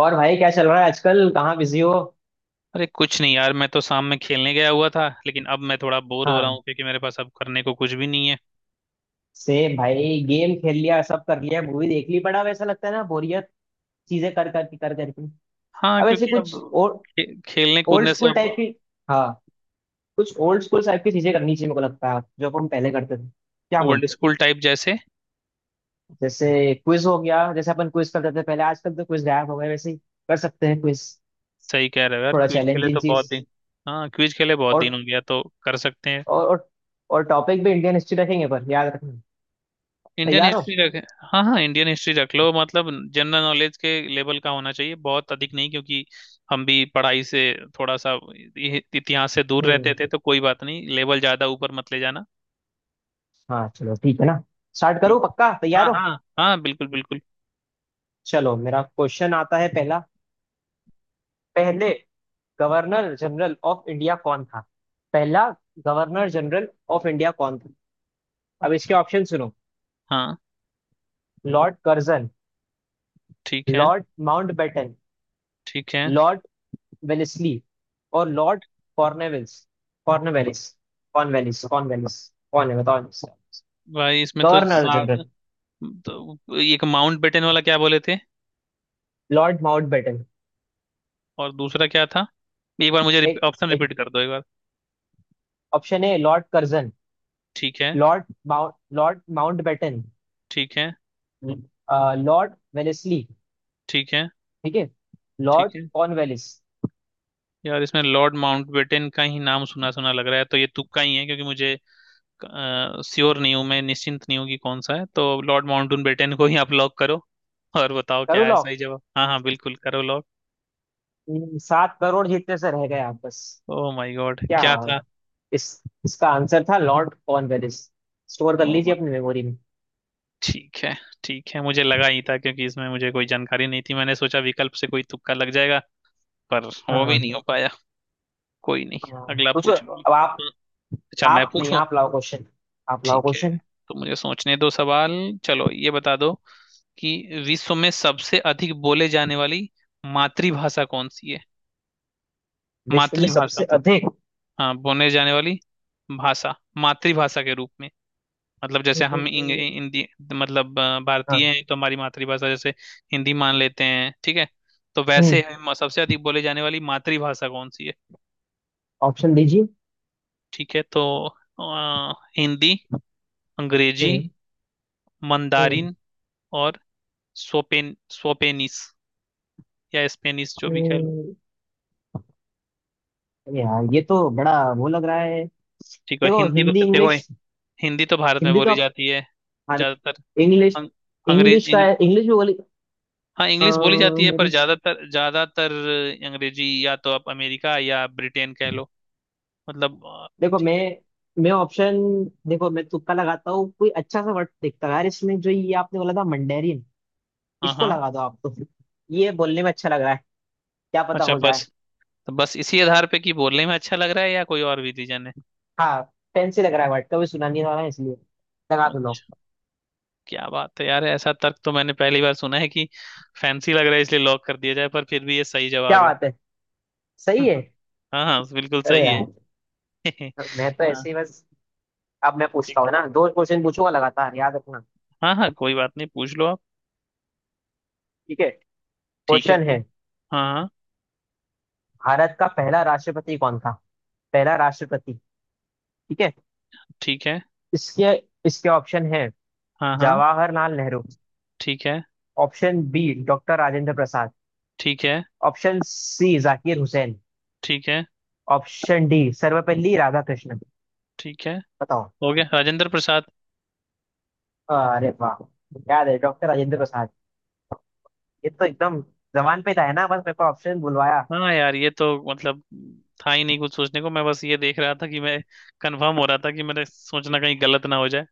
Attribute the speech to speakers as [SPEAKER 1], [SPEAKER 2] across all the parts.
[SPEAKER 1] और भाई, क्या चल रहा है आजकल? कहाँ बिजी हो?
[SPEAKER 2] अरे कुछ नहीं यार। मैं तो शाम में खेलने गया हुआ था लेकिन अब मैं थोड़ा बोर हो रहा
[SPEAKER 1] हाँ।
[SPEAKER 2] हूँ क्योंकि मेरे पास अब करने को कुछ भी नहीं है।
[SPEAKER 1] सेम भाई, गेम खेल लिया, सब कर लिया, मूवी देख ली। बड़ा वैसा लगता है ना, बोरियत। चीजें कर कर कर करके।
[SPEAKER 2] हाँ,
[SPEAKER 1] अब ऐसे
[SPEAKER 2] क्योंकि अब
[SPEAKER 1] कुछ ओल्ड
[SPEAKER 2] खेलने कूदने से
[SPEAKER 1] स्कूल
[SPEAKER 2] अब
[SPEAKER 1] टाइप की। हाँ। कुछ ओल्ड स्कूल टाइप की चीजें करनी चाहिए मेरे को लगता है, जो अपन पहले करते थे, क्या
[SPEAKER 2] ओल्ड
[SPEAKER 1] बोलते हैं?
[SPEAKER 2] स्कूल टाइप जैसे।
[SPEAKER 1] जैसे क्विज हो गया, जैसे अपन क्विज करते थे पहले, आजकल तो क्विज गायब हो गए। वैसे ही कर सकते हैं क्विज।
[SPEAKER 2] सही कह रहे हो यार,
[SPEAKER 1] थोड़ा
[SPEAKER 2] क्विज खेले
[SPEAKER 1] चैलेंजिंग
[SPEAKER 2] तो
[SPEAKER 1] चीज।
[SPEAKER 2] बहुत दिन। हाँ, क्विज खेले बहुत दिन
[SPEAKER 1] और
[SPEAKER 2] हो गया तो कर सकते हैं।
[SPEAKER 1] और और, और टॉपिक भी इंडियन हिस्ट्री रखेंगे पर याद रखना।
[SPEAKER 2] इंडियन
[SPEAKER 1] तैयार हो?
[SPEAKER 2] हिस्ट्री रख। हाँ हाँ, इंडियन हिस्ट्री रख लो। मतलब जनरल नॉलेज के लेवल का होना चाहिए, बहुत अधिक नहीं, क्योंकि हम भी पढ़ाई से थोड़ा सा इतिहास से दूर रहते
[SPEAKER 1] हम्म।
[SPEAKER 2] थे। तो कोई बात नहीं, लेवल ज्यादा ऊपर मत ले जाना।
[SPEAKER 1] हाँ चलो, ठीक है ना। स्टार्ट करो,
[SPEAKER 2] ठीक।
[SPEAKER 1] पक्का तैयार
[SPEAKER 2] हाँ
[SPEAKER 1] हो?
[SPEAKER 2] हाँ हाँ, बिल्कुल बिल्कुल।
[SPEAKER 1] चलो, मेरा क्वेश्चन आता है। पहला। पहले गवर्नर जनरल ऑफ इंडिया कौन था? पहला गवर्नर जनरल ऑफ इंडिया कौन था? अब इसके
[SPEAKER 2] अच्छा।
[SPEAKER 1] ऑप्शन सुनो।
[SPEAKER 2] हाँ
[SPEAKER 1] लॉर्ड कर्जन,
[SPEAKER 2] ठीक है।
[SPEAKER 1] लॉर्ड माउंटबेटन,
[SPEAKER 2] ठीक है।
[SPEAKER 1] लॉर्ड वेलेस्ली, और Lord Cornwallis. Cornwallis, Cornwallis, Cornwallis कौन है बताओ इसका?
[SPEAKER 2] भाई इसमें
[SPEAKER 1] गवर्नर जनरल
[SPEAKER 2] तो एक माउंट बेटन वाला क्या बोले थे
[SPEAKER 1] लॉर्ड माउंटबेटन।
[SPEAKER 2] और दूसरा क्या था। एक बार मुझे
[SPEAKER 1] एक
[SPEAKER 2] ऑप्शन
[SPEAKER 1] एक
[SPEAKER 2] रिपीट कर दो एक बार।
[SPEAKER 1] ऑप्शन है लॉर्ड कर्जन।
[SPEAKER 2] ठीक है।
[SPEAKER 1] Lord Mount lord Mountbatten.
[SPEAKER 2] ठीक है।
[SPEAKER 1] लॉर्ड वेलेस्ली,
[SPEAKER 2] ठीक है।
[SPEAKER 1] ठीक है।
[SPEAKER 2] ठीक
[SPEAKER 1] लॉर्ड
[SPEAKER 2] है।
[SPEAKER 1] कॉर्नवेलिस।
[SPEAKER 2] यार इसमें लॉर्ड माउंटबेटन का ही नाम सुना सुना लग रहा है तो ये तुक्का ही है, क्योंकि मुझे श्योर नहीं हूँ, मैं निश्चिंत नहीं हूँ कि कौन सा है। तो लॉर्ड माउंटबेटन को ही आप लॉक करो और बताओ क्या
[SPEAKER 1] करूँ
[SPEAKER 2] है
[SPEAKER 1] लॉक?
[SPEAKER 2] सही जवाब। हाँ हाँ बिल्कुल, करो लॉक।
[SPEAKER 1] 7 करोड़ जीतने से रह गए आप बस।
[SPEAKER 2] ओह माय गॉड,
[SPEAKER 1] क्या?
[SPEAKER 2] क्या
[SPEAKER 1] इस इसका आंसर था लॉर्ड कॉर्नवेलिस। स्टोर कर लीजिए
[SPEAKER 2] था।
[SPEAKER 1] अपनी मेमोरी में।
[SPEAKER 2] ठीक है। ठीक है, मुझे लगा ही था क्योंकि इसमें मुझे कोई जानकारी नहीं थी, मैंने सोचा विकल्प से कोई तुक्का लग जाएगा, पर
[SPEAKER 1] हाँ
[SPEAKER 2] वो भी नहीं
[SPEAKER 1] हाँ।
[SPEAKER 2] हो पाया। कोई नहीं।
[SPEAKER 1] हाँ।
[SPEAKER 2] अगला
[SPEAKER 1] पूछो
[SPEAKER 2] पूछो आप।
[SPEAKER 1] अब आप।
[SPEAKER 2] हम्म, अच्छा मैं
[SPEAKER 1] आप नहीं,
[SPEAKER 2] पूछूं।
[SPEAKER 1] आप लाओ क्वेश्चन। आप लाओ
[SPEAKER 2] ठीक है,
[SPEAKER 1] क्वेश्चन।
[SPEAKER 2] तो मुझे सोचने दो सवाल। चलो ये बता दो कि विश्व में सबसे अधिक बोले जाने वाली मातृभाषा कौन सी है।
[SPEAKER 1] विश्व में
[SPEAKER 2] मातृभाषा।
[SPEAKER 1] सबसे अधिक।
[SPEAKER 2] हाँ, बोले जाने वाली भाषा, मातृभाषा के रूप में। मतलब जैसे हम हिंदी, मतलब भारतीय
[SPEAKER 1] हाँ।
[SPEAKER 2] हैं तो हमारी मातृभाषा जैसे हिंदी मान लेते हैं। ठीक है, तो वैसे
[SPEAKER 1] हम्म।
[SPEAKER 2] हम सबसे अधिक बोले जाने वाली मातृभाषा कौन सी है।
[SPEAKER 1] ऑप्शन दीजिए।
[SPEAKER 2] ठीक है, तो हिंदी, अंग्रेजी,
[SPEAKER 1] हम्म।
[SPEAKER 2] मंदारिन
[SPEAKER 1] हम्म।
[SPEAKER 2] और सोपेन सोपेनिस या स्पेनिस जो भी कह लो।
[SPEAKER 1] हम्म। यार ये तो बड़ा वो लग रहा है।
[SPEAKER 2] ठीक है, और
[SPEAKER 1] देखो
[SPEAKER 2] हिंदी
[SPEAKER 1] हिंदी,
[SPEAKER 2] देखो,
[SPEAKER 1] इंग्लिश।
[SPEAKER 2] हिंदी तो भारत में
[SPEAKER 1] हिंदी
[SPEAKER 2] बोली
[SPEAKER 1] तो
[SPEAKER 2] जाती है
[SPEAKER 1] हर।
[SPEAKER 2] ज्यादातर।
[SPEAKER 1] इंग्लिश।
[SPEAKER 2] अं- अंग्रेज
[SPEAKER 1] इंग्लिश का है,
[SPEAKER 2] इंग्र,
[SPEAKER 1] इंग्लिश भी बोली।
[SPEAKER 2] हाँ,
[SPEAKER 1] अ,
[SPEAKER 2] इंग्लिश बोली जाती है पर
[SPEAKER 1] मेरे।
[SPEAKER 2] ज्यादातर ज्यादातर अंग्रेजी, या तो आप अमेरिका या ब्रिटेन कह लो। मतलब
[SPEAKER 1] देखो
[SPEAKER 2] ठीक है।
[SPEAKER 1] मैं ऑप्शन। देखो मैं तुक्का लगाता हूँ, कोई अच्छा सा वर्ड देखता हूँ यार, इसमें जो ये आपने बोला था मंडेरियन,
[SPEAKER 2] हाँ
[SPEAKER 1] इसको
[SPEAKER 2] हाँ।
[SPEAKER 1] लगा दो आप तो। ये बोलने में अच्छा लग रहा है, क्या पता
[SPEAKER 2] अच्छा,
[SPEAKER 1] हो
[SPEAKER 2] बस
[SPEAKER 1] जाए।
[SPEAKER 2] तो बस इसी आधार पे कि बोलने में अच्छा लग रहा है या कोई और भी रीजन है।
[SPEAKER 1] हाँ, फैंसी लग रहा है वर्ड, कभी सुना नहीं रहा है इसलिए, लगा दो लोग।
[SPEAKER 2] अच्छा, क्या बात है यार, ऐसा तर्क तो मैंने पहली बार सुना है कि फैंसी लग रहा है इसलिए लॉक कर दिया जाए, पर फिर भी ये सही जवाब
[SPEAKER 1] क्या
[SPEAKER 2] है।
[SPEAKER 1] बात है। सही है।
[SPEAKER 2] हाँ हाँ, बिल्कुल
[SPEAKER 1] अरे
[SPEAKER 2] सही है।
[SPEAKER 1] यार, मैं तो
[SPEAKER 2] हाँ।
[SPEAKER 1] ऐसे ही बस। अब मैं पूछता
[SPEAKER 2] ठीक है।
[SPEAKER 1] हूँ ना, दो क्वेश्चन पूछूंगा, लगातार याद रखना।
[SPEAKER 2] हाँ हाँ, कोई बात नहीं, पूछ लो आप।
[SPEAKER 1] ठीक है।
[SPEAKER 2] ठीक है
[SPEAKER 1] क्वेश्चन है।
[SPEAKER 2] हाँ हाँ।
[SPEAKER 1] भारत का पहला राष्ट्रपति कौन था? पहला राष्ट्रपति, ठीक है।
[SPEAKER 2] ठीक है।
[SPEAKER 1] इसके इसके ऑप्शन है।
[SPEAKER 2] हाँ हाँ।
[SPEAKER 1] जवाहरलाल नेहरू।
[SPEAKER 2] ठीक है।
[SPEAKER 1] Option B, doctor Rajendra Prasad.
[SPEAKER 2] ठीक है।
[SPEAKER 1] Option C, Zakir Hussain.
[SPEAKER 2] ठीक है।
[SPEAKER 1] Option D, Sarvepalli Radhakrishnan.
[SPEAKER 2] ठीक है।
[SPEAKER 1] बताओ।
[SPEAKER 2] हो गया, राजेंद्र प्रसाद।
[SPEAKER 1] अरे वाह, याद है। डॉक्टर राजेंद्र प्रसाद। ये तो एकदम जबान पे था है ना, बस मेरे को ऑप्शन बुलवाया।
[SPEAKER 2] हाँ यार, ये तो मतलब था ही नहीं कुछ सोचने को, मैं बस ये देख रहा था कि मैं कंफर्म हो रहा था कि मेरे सोचना कहीं गलत ना हो जाए।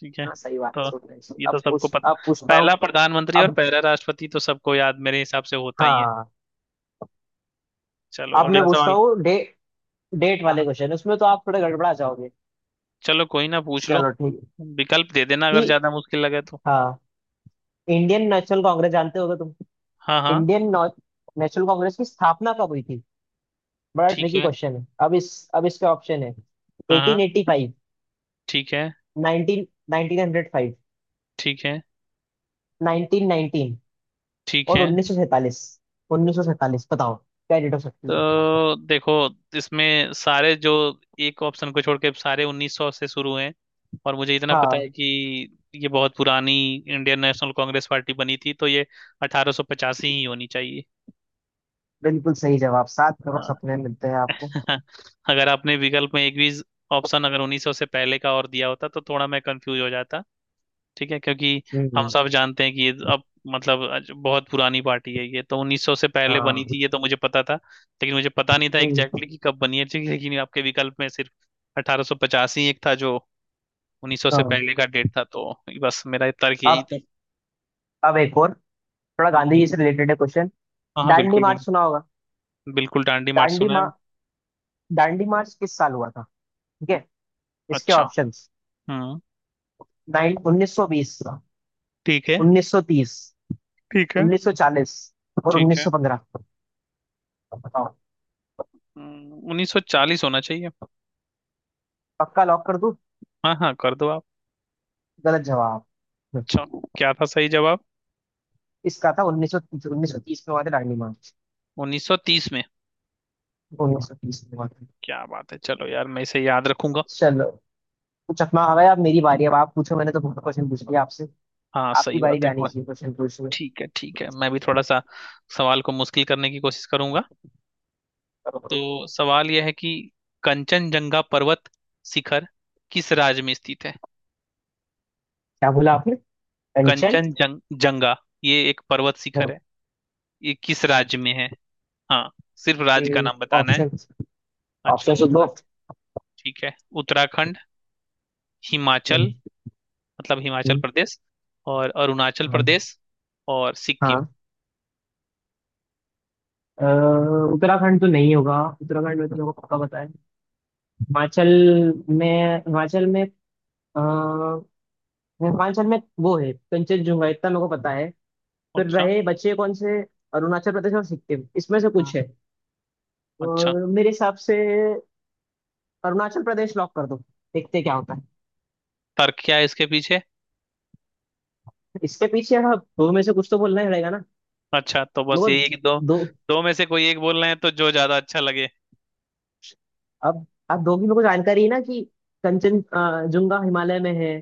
[SPEAKER 2] ठीक है।
[SPEAKER 1] हाँ, सही बात
[SPEAKER 2] तो
[SPEAKER 1] सोच रहे हैं।
[SPEAKER 2] ये तो सबको
[SPEAKER 1] अब
[SPEAKER 2] पता,
[SPEAKER 1] पूछता हूँ।
[SPEAKER 2] पहला प्रधानमंत्री और
[SPEAKER 1] अब।
[SPEAKER 2] पहला राष्ट्रपति तो सबको याद मेरे हिसाब से होता ही है।
[SPEAKER 1] हाँ।
[SPEAKER 2] चलो
[SPEAKER 1] अब मैं
[SPEAKER 2] अगला
[SPEAKER 1] पूछता
[SPEAKER 2] सवाल।
[SPEAKER 1] हूँ डे डेट
[SPEAKER 2] हाँ
[SPEAKER 1] वाले
[SPEAKER 2] हाँ।
[SPEAKER 1] क्वेश्चन, उसमें तो आप थोड़े गड़बड़ा जाओगे।
[SPEAKER 2] चलो कोई ना, पूछ लो।
[SPEAKER 1] चलो ठीक है।
[SPEAKER 2] विकल्प दे देना अगर
[SPEAKER 1] कि।
[SPEAKER 2] ज्यादा मुश्किल लगे तो।
[SPEAKER 1] हाँ। इंडियन नेशनल कांग्रेस जानते होगे तुम।
[SPEAKER 2] हाँ हाँ।
[SPEAKER 1] इंडियन नेशनल कांग्रेस की स्थापना कब हुई थी? बड़ा
[SPEAKER 2] ठीक
[SPEAKER 1] ट्रिकी
[SPEAKER 2] है।
[SPEAKER 1] क्वेश्चन है। अब इसके ऑप्शन है।
[SPEAKER 2] हाँ हाँ।
[SPEAKER 1] 1885,
[SPEAKER 2] ठीक है।
[SPEAKER 1] 19 1905,
[SPEAKER 2] ठीक है।
[SPEAKER 1] 1919,
[SPEAKER 2] ठीक
[SPEAKER 1] और
[SPEAKER 2] है।
[SPEAKER 1] 1947। 1947 बताओ, क्या डेट हो सकती है?
[SPEAKER 2] तो देखो, इसमें सारे जो, एक ऑप्शन को छोड़ के सारे 1900 से शुरू हैं, और मुझे इतना पता है
[SPEAKER 1] हाँ,
[SPEAKER 2] कि ये बहुत पुरानी इंडियन नेशनल कांग्रेस पार्टी बनी थी, तो ये 1885 ही होनी चाहिए।
[SPEAKER 1] बिल्कुल सही जवाब। 7 करोड़
[SPEAKER 2] हाँ,
[SPEAKER 1] सपने मिलते हैं आपको।
[SPEAKER 2] अगर आपने विकल्प में एक भी ऑप्शन अगर 1900 से पहले का और दिया होता तो थोड़ा मैं कंफ्यूज हो जाता। ठीक है, क्योंकि हम
[SPEAKER 1] हम्म।
[SPEAKER 2] सब जानते हैं कि ये अब, मतलब आज बहुत पुरानी पार्टी है, ये तो 1900 से पहले बनी
[SPEAKER 1] हाँ।
[SPEAKER 2] थी ये तो मुझे पता था, लेकिन मुझे पता नहीं था
[SPEAKER 1] हम्म।
[SPEAKER 2] एग्जैक्टली कि कब बनी है। ठीक है, लेकिन आपके विकल्प में सिर्फ 1850 ही एक था जो 1900 से
[SPEAKER 1] हाँ।
[SPEAKER 2] पहले का डेट था, तो बस मेरा तर्क यही
[SPEAKER 1] अब
[SPEAKER 2] था।
[SPEAKER 1] अब एक और, थोड़ा
[SPEAKER 2] हम्म,
[SPEAKER 1] गांधी जी से रिलेटेड है क्वेश्चन।
[SPEAKER 2] हाँ हाँ
[SPEAKER 1] दांडी
[SPEAKER 2] बिल्कुल
[SPEAKER 1] मार्च
[SPEAKER 2] बिल्कुल।
[SPEAKER 1] सुना होगा।
[SPEAKER 2] बिल्कुल डांडी मार्च
[SPEAKER 1] दांडी
[SPEAKER 2] सुना है
[SPEAKER 1] मा
[SPEAKER 2] मैंने।
[SPEAKER 1] दांडी मार्च किस साल हुआ था? ठीक है, इसके
[SPEAKER 2] अच्छा।
[SPEAKER 1] ऑप्शंस।
[SPEAKER 2] हम्म।
[SPEAKER 1] नाइन 1920,
[SPEAKER 2] ठीक है।
[SPEAKER 1] 1930,
[SPEAKER 2] ठीक है।
[SPEAKER 1] 1940, और
[SPEAKER 2] ठीक है।
[SPEAKER 1] 1915। बताओ।
[SPEAKER 2] 1940 होना चाहिए।
[SPEAKER 1] पक्का लॉक कर दूं?
[SPEAKER 2] हाँ हाँ, कर दो आप।
[SPEAKER 1] गलत जवाब।
[SPEAKER 2] अच्छा, क्या था सही जवाब।
[SPEAKER 1] इसका था 1930। 1930 में हुआ था दांडी मार्च।
[SPEAKER 2] 1930 में।
[SPEAKER 1] 1930 में हुआ था।
[SPEAKER 2] क्या बात है, चलो यार मैं इसे याद रखूंगा।
[SPEAKER 1] चलो। तो चकमा आ गया। अब मेरी बारी। अब आप पूछो, मैंने तो बहुत क्वेश्चन पूछ लिया आपसे।
[SPEAKER 2] हाँ
[SPEAKER 1] आपकी
[SPEAKER 2] सही
[SPEAKER 1] बारी
[SPEAKER 2] बात
[SPEAKER 1] भी
[SPEAKER 2] है
[SPEAKER 1] आनी चाहिए क्वेश्चन पूछने।
[SPEAKER 2] ठीक है। ठीक है,
[SPEAKER 1] पूछो,
[SPEAKER 2] मैं भी थोड़ा सा सवाल को मुश्किल करने की कोशिश करूंगा।
[SPEAKER 1] करो
[SPEAKER 2] तो
[SPEAKER 1] करो।
[SPEAKER 2] सवाल यह है कि कंचनजंगा पर्वत शिखर किस राज्य में स्थित है।
[SPEAKER 1] क्या बोला आपने? कंचन।
[SPEAKER 2] कंचनजंगा, ये एक पर्वत शिखर है, ये किस राज्य में है। हाँ, सिर्फ राज्य का नाम बताना है।
[SPEAKER 1] ऑप्शन।
[SPEAKER 2] अच्छा
[SPEAKER 1] ऑप्शन तो दो।
[SPEAKER 2] ऑप्शन। ठीक है, उत्तराखंड, हिमाचल,
[SPEAKER 1] हम्म।
[SPEAKER 2] मतलब हिमाचल प्रदेश, और अरुणाचल
[SPEAKER 1] हाँ।
[SPEAKER 2] प्रदेश और सिक्किम।
[SPEAKER 1] हाँ। अ, उत्तराखंड तो नहीं होगा, उत्तराखंड में तो मेरे को पक्का पता है। हिमाचल में। आ, हिमाचल में वो है कंचनजंगा, इतना मेरे को पता है। फिर
[SPEAKER 2] अच्छा।
[SPEAKER 1] रहे बचे कौन से? अरुणाचल प्रदेश और सिक्किम, इसमें से
[SPEAKER 2] हाँ।
[SPEAKER 1] कुछ है।
[SPEAKER 2] अच्छा,
[SPEAKER 1] और मेरे हिसाब से अरुणाचल प्रदेश लॉक कर दो। देखते क्या होता है।
[SPEAKER 2] तर्क क्या है इसके पीछे।
[SPEAKER 1] इसके पीछे? अब दो में से कुछ तो बोलना ही रहेगा ना।
[SPEAKER 2] अच्छा, तो बस
[SPEAKER 1] मेरे
[SPEAKER 2] यही
[SPEAKER 1] को।
[SPEAKER 2] है कि दो,
[SPEAKER 1] दो।
[SPEAKER 2] दो में से कोई एक बोल रहे हैं तो जो ज्यादा अच्छा लगे।
[SPEAKER 1] अब अब दो की मेरे को जानकारी है ना, कि कंचन जुंगा हिमालय में है,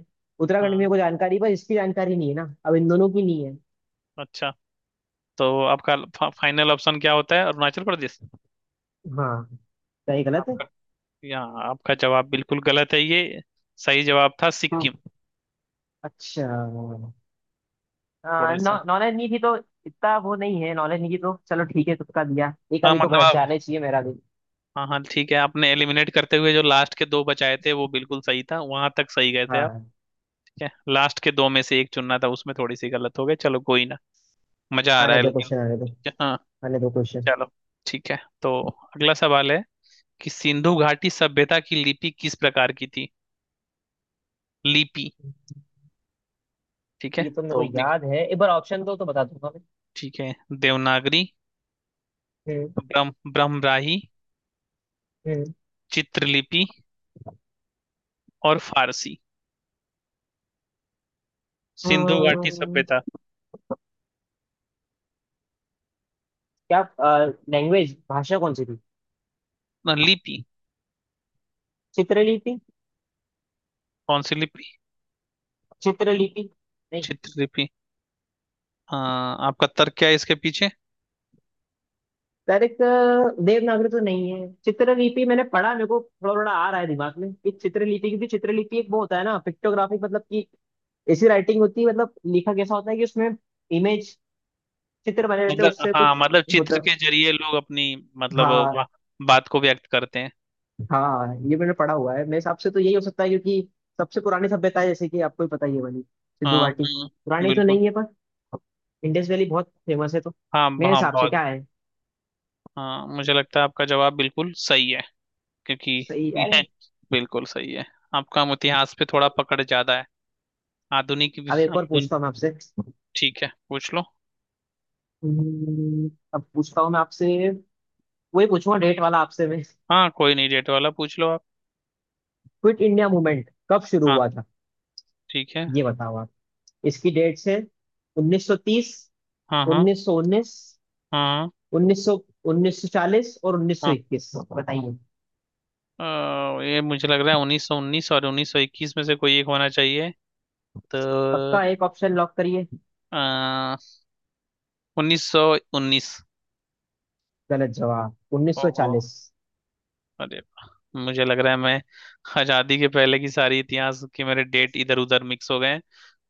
[SPEAKER 1] उत्तराखंड में
[SPEAKER 2] हाँ।
[SPEAKER 1] मेरे को जानकारी है, पर इसकी जानकारी नहीं है ना, अब इन दोनों की नहीं है।
[SPEAKER 2] अच्छा, तो आपका फाइनल ऑप्शन क्या होता है, अरुणाचल प्रदेश।
[SPEAKER 1] हाँ। सही गलत है?
[SPEAKER 2] आपका, यहाँ आपका जवाब बिल्कुल गलत है, ये सही जवाब था
[SPEAKER 1] हाँ।
[SPEAKER 2] सिक्किम।
[SPEAKER 1] अच्छा,
[SPEAKER 2] थोड़ा सा।
[SPEAKER 1] नॉलेज नहीं थी तो। इतना वो नहीं है, नॉलेज नहीं थी तो चलो ठीक है, तुक्का दिया, एक
[SPEAKER 2] हाँ
[SPEAKER 1] आधी तो
[SPEAKER 2] मतलब
[SPEAKER 1] गलत
[SPEAKER 2] आप,
[SPEAKER 1] जाना ही चाहिए मेरा भी।
[SPEAKER 2] हाँ हाँ ठीक है, आपने एलिमिनेट करते हुए जो लास्ट के दो बचाए थे वो बिल्कुल सही था, वहां तक सही गए थे
[SPEAKER 1] हाँ
[SPEAKER 2] आप।
[SPEAKER 1] हाँ।
[SPEAKER 2] ठीक है, लास्ट के दो में से एक चुनना था, उसमें थोड़ी सी गलत हो गई, चलो कोई ना। मजा आ रहा
[SPEAKER 1] आने
[SPEAKER 2] है
[SPEAKER 1] दो
[SPEAKER 2] लेकिन।
[SPEAKER 1] क्वेश्चन, आने दो।
[SPEAKER 2] हाँ।
[SPEAKER 1] आने दो क्वेश्चन।
[SPEAKER 2] चलो ठीक है, तो अगला सवाल है कि सिंधु घाटी सभ्यता की लिपि किस प्रकार की थी। लिपि। ठीक है,
[SPEAKER 1] ये तो मेरे को
[SPEAKER 2] तो
[SPEAKER 1] याद है, एक बार ऑप्शन दो तो बता दूंगा मैं।
[SPEAKER 2] ठीक है, देवनागरी,
[SPEAKER 1] हम्म।
[SPEAKER 2] ब्रह्मराही,
[SPEAKER 1] हम्म।
[SPEAKER 2] चित्रलिपि और फारसी। सिंधु घाटी
[SPEAKER 1] अम्म,
[SPEAKER 2] सभ्यता।
[SPEAKER 1] क्या लैंग्वेज, भाषा कौन सी थी?
[SPEAKER 2] ना, लिपि।
[SPEAKER 1] चित्रलिपि।
[SPEAKER 2] कौन सी लिपि।
[SPEAKER 1] चित्रलिपि नहीं,
[SPEAKER 2] चित्रलिपि। हाँ, आपका तर्क क्या है इसके पीछे।
[SPEAKER 1] डायरेक्ट। देवनागरी तो नहीं है। चित्रलिपि मैंने पढ़ा, मेरे को थोड़ा थोड़ा आ रहा है दिमाग में कि चित्रलिपि, क्योंकि चित्रलिपि एक वो होता है ना पिक्टोग्राफिक, मतलब कि ऐसी राइटिंग होती है, मतलब लिखा कैसा होता है कि उसमें इमेज, चित्र बने रहते हैं,
[SPEAKER 2] मतलब
[SPEAKER 1] उससे
[SPEAKER 2] हाँ,
[SPEAKER 1] कुछ
[SPEAKER 2] मतलब चित्र
[SPEAKER 1] होता।
[SPEAKER 2] के जरिए लोग अपनी, मतलब
[SPEAKER 1] हाँ
[SPEAKER 2] बा, बात को व्यक्त करते हैं।
[SPEAKER 1] हाँ, ये मैंने पढ़ा हुआ है, मेरे हिसाब से तो यही हो सकता है, क्योंकि सबसे पुरानी सभ्यता है, जैसे कि आपको ही पता ही है वाली सिंधु
[SPEAKER 2] हाँ
[SPEAKER 1] घाटी।
[SPEAKER 2] हाँ
[SPEAKER 1] पुरानी तो
[SPEAKER 2] बिल्कुल।
[SPEAKER 1] नहीं है पर इंडस वैली बहुत फेमस है तो,
[SPEAKER 2] हाँ
[SPEAKER 1] मेरे
[SPEAKER 2] हाँ
[SPEAKER 1] हिसाब से
[SPEAKER 2] बहुत।
[SPEAKER 1] क्या है।
[SPEAKER 2] हाँ, मुझे लगता है आपका जवाब बिल्कुल सही है, क्योंकि
[SPEAKER 1] सही है।
[SPEAKER 2] यह बिल्कुल सही है आपका। हम इतिहास पे थोड़ा पकड़ ज्यादा है, आधुनिक भी
[SPEAKER 1] अब एक और
[SPEAKER 2] आधुन
[SPEAKER 1] पूछता हूँ मैं आपसे।
[SPEAKER 2] ठीक है, पूछ लो।
[SPEAKER 1] अब पूछता हूँ मैं आपसे, वही पूछूंगा डेट वाला आपसे मैं।
[SPEAKER 2] हाँ कोई नहीं, डेट वाला पूछ लो आप।
[SPEAKER 1] क्विट इंडिया मूवमेंट कब शुरू
[SPEAKER 2] हाँ
[SPEAKER 1] हुआ था?
[SPEAKER 2] ठीक है।
[SPEAKER 1] ये बताओ आप। इसकी डेट्स है 1930,
[SPEAKER 2] हाँ हाँ।
[SPEAKER 1] 1919,
[SPEAKER 2] हाँ हाँ।
[SPEAKER 1] उन्नीस सौ 1940, और 1921, बताइए।
[SPEAKER 2] हाँ। ये मुझे लग रहा है 1919 और 1921 में से कोई एक होना चाहिए,
[SPEAKER 1] पक्का
[SPEAKER 2] तो
[SPEAKER 1] एक ऑप्शन लॉक करिए।
[SPEAKER 2] 1919।
[SPEAKER 1] गलत जवाब, उन्नीस सौ
[SPEAKER 2] ओहो।
[SPEAKER 1] चालीस
[SPEAKER 2] अरे वाह, मुझे लग रहा है मैं आजादी के पहले की सारी इतिहास के मेरे डेट इधर उधर मिक्स हो गए हैं।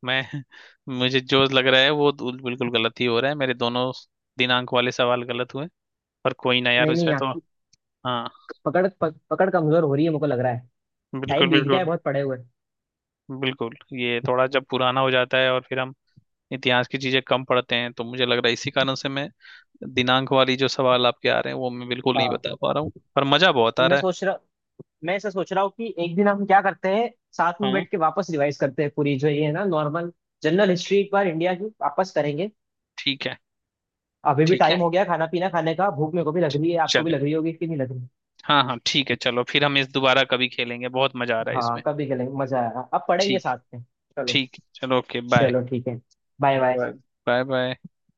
[SPEAKER 2] मैं मुझे जो लग रहा है वो तो बिल्कुल गलत ही हो रहा है, मेरे दोनों दिनांक वाले सवाल गलत हुए। पर कोई ना यार,
[SPEAKER 1] नहीं नहीं,
[SPEAKER 2] इसमें तो
[SPEAKER 1] आपकी
[SPEAKER 2] हाँ
[SPEAKER 1] पकड़ कमजोर हो रही है, मुझको लग रहा है।
[SPEAKER 2] बिल्कुल
[SPEAKER 1] टाइम बीत गया है
[SPEAKER 2] बिल्कुल।
[SPEAKER 1] बहुत, पड़े हुए।
[SPEAKER 2] बिल्कुल ये थोड़ा, जब पुराना हो जाता है और फिर हम इतिहास की चीजें कम पढ़ते हैं तो मुझे लग रहा है इसी कारण से मैं दिनांक वाली जो सवाल आपके आ रहे हैं वो मैं बिल्कुल नहीं
[SPEAKER 1] हाँ।
[SPEAKER 2] बता पा रहा हूँ। पर मजा बहुत
[SPEAKER 1] तो
[SPEAKER 2] आ
[SPEAKER 1] मैं
[SPEAKER 2] रहा
[SPEAKER 1] सोच रहा मैं ऐसा सोच रहा हूँ कि एक दिन हम क्या करते हैं, साथ
[SPEAKER 2] है।
[SPEAKER 1] में
[SPEAKER 2] हाँ
[SPEAKER 1] बैठ के वापस रिवाइज करते हैं, पूरी जो ये है ना नॉर्मल जनरल हिस्ट्री एक बार इंडिया की वापस करेंगे।
[SPEAKER 2] ठीक है।
[SPEAKER 1] अभी भी
[SPEAKER 2] ठीक है।
[SPEAKER 1] टाइम हो गया, खाना पीना खाने का, भूख मेरे को भी लग रही है, आपको भी
[SPEAKER 2] चले।
[SPEAKER 1] लग रही होगी कि नहीं लग रही।
[SPEAKER 2] हाँ हाँ ठीक है, चलो फिर हम इस दोबारा कभी खेलेंगे, बहुत मजा आ रहा है इसमें।
[SPEAKER 1] हाँ, कभी चलेंगे, मजा आएगा, अब पढ़ेंगे
[SPEAKER 2] ठीक।
[SPEAKER 1] साथ में। चलो।
[SPEAKER 2] ठीक चलो, ओके बाय।
[SPEAKER 1] चलो ठीक है। Bye bye.
[SPEAKER 2] Right. Bye bye.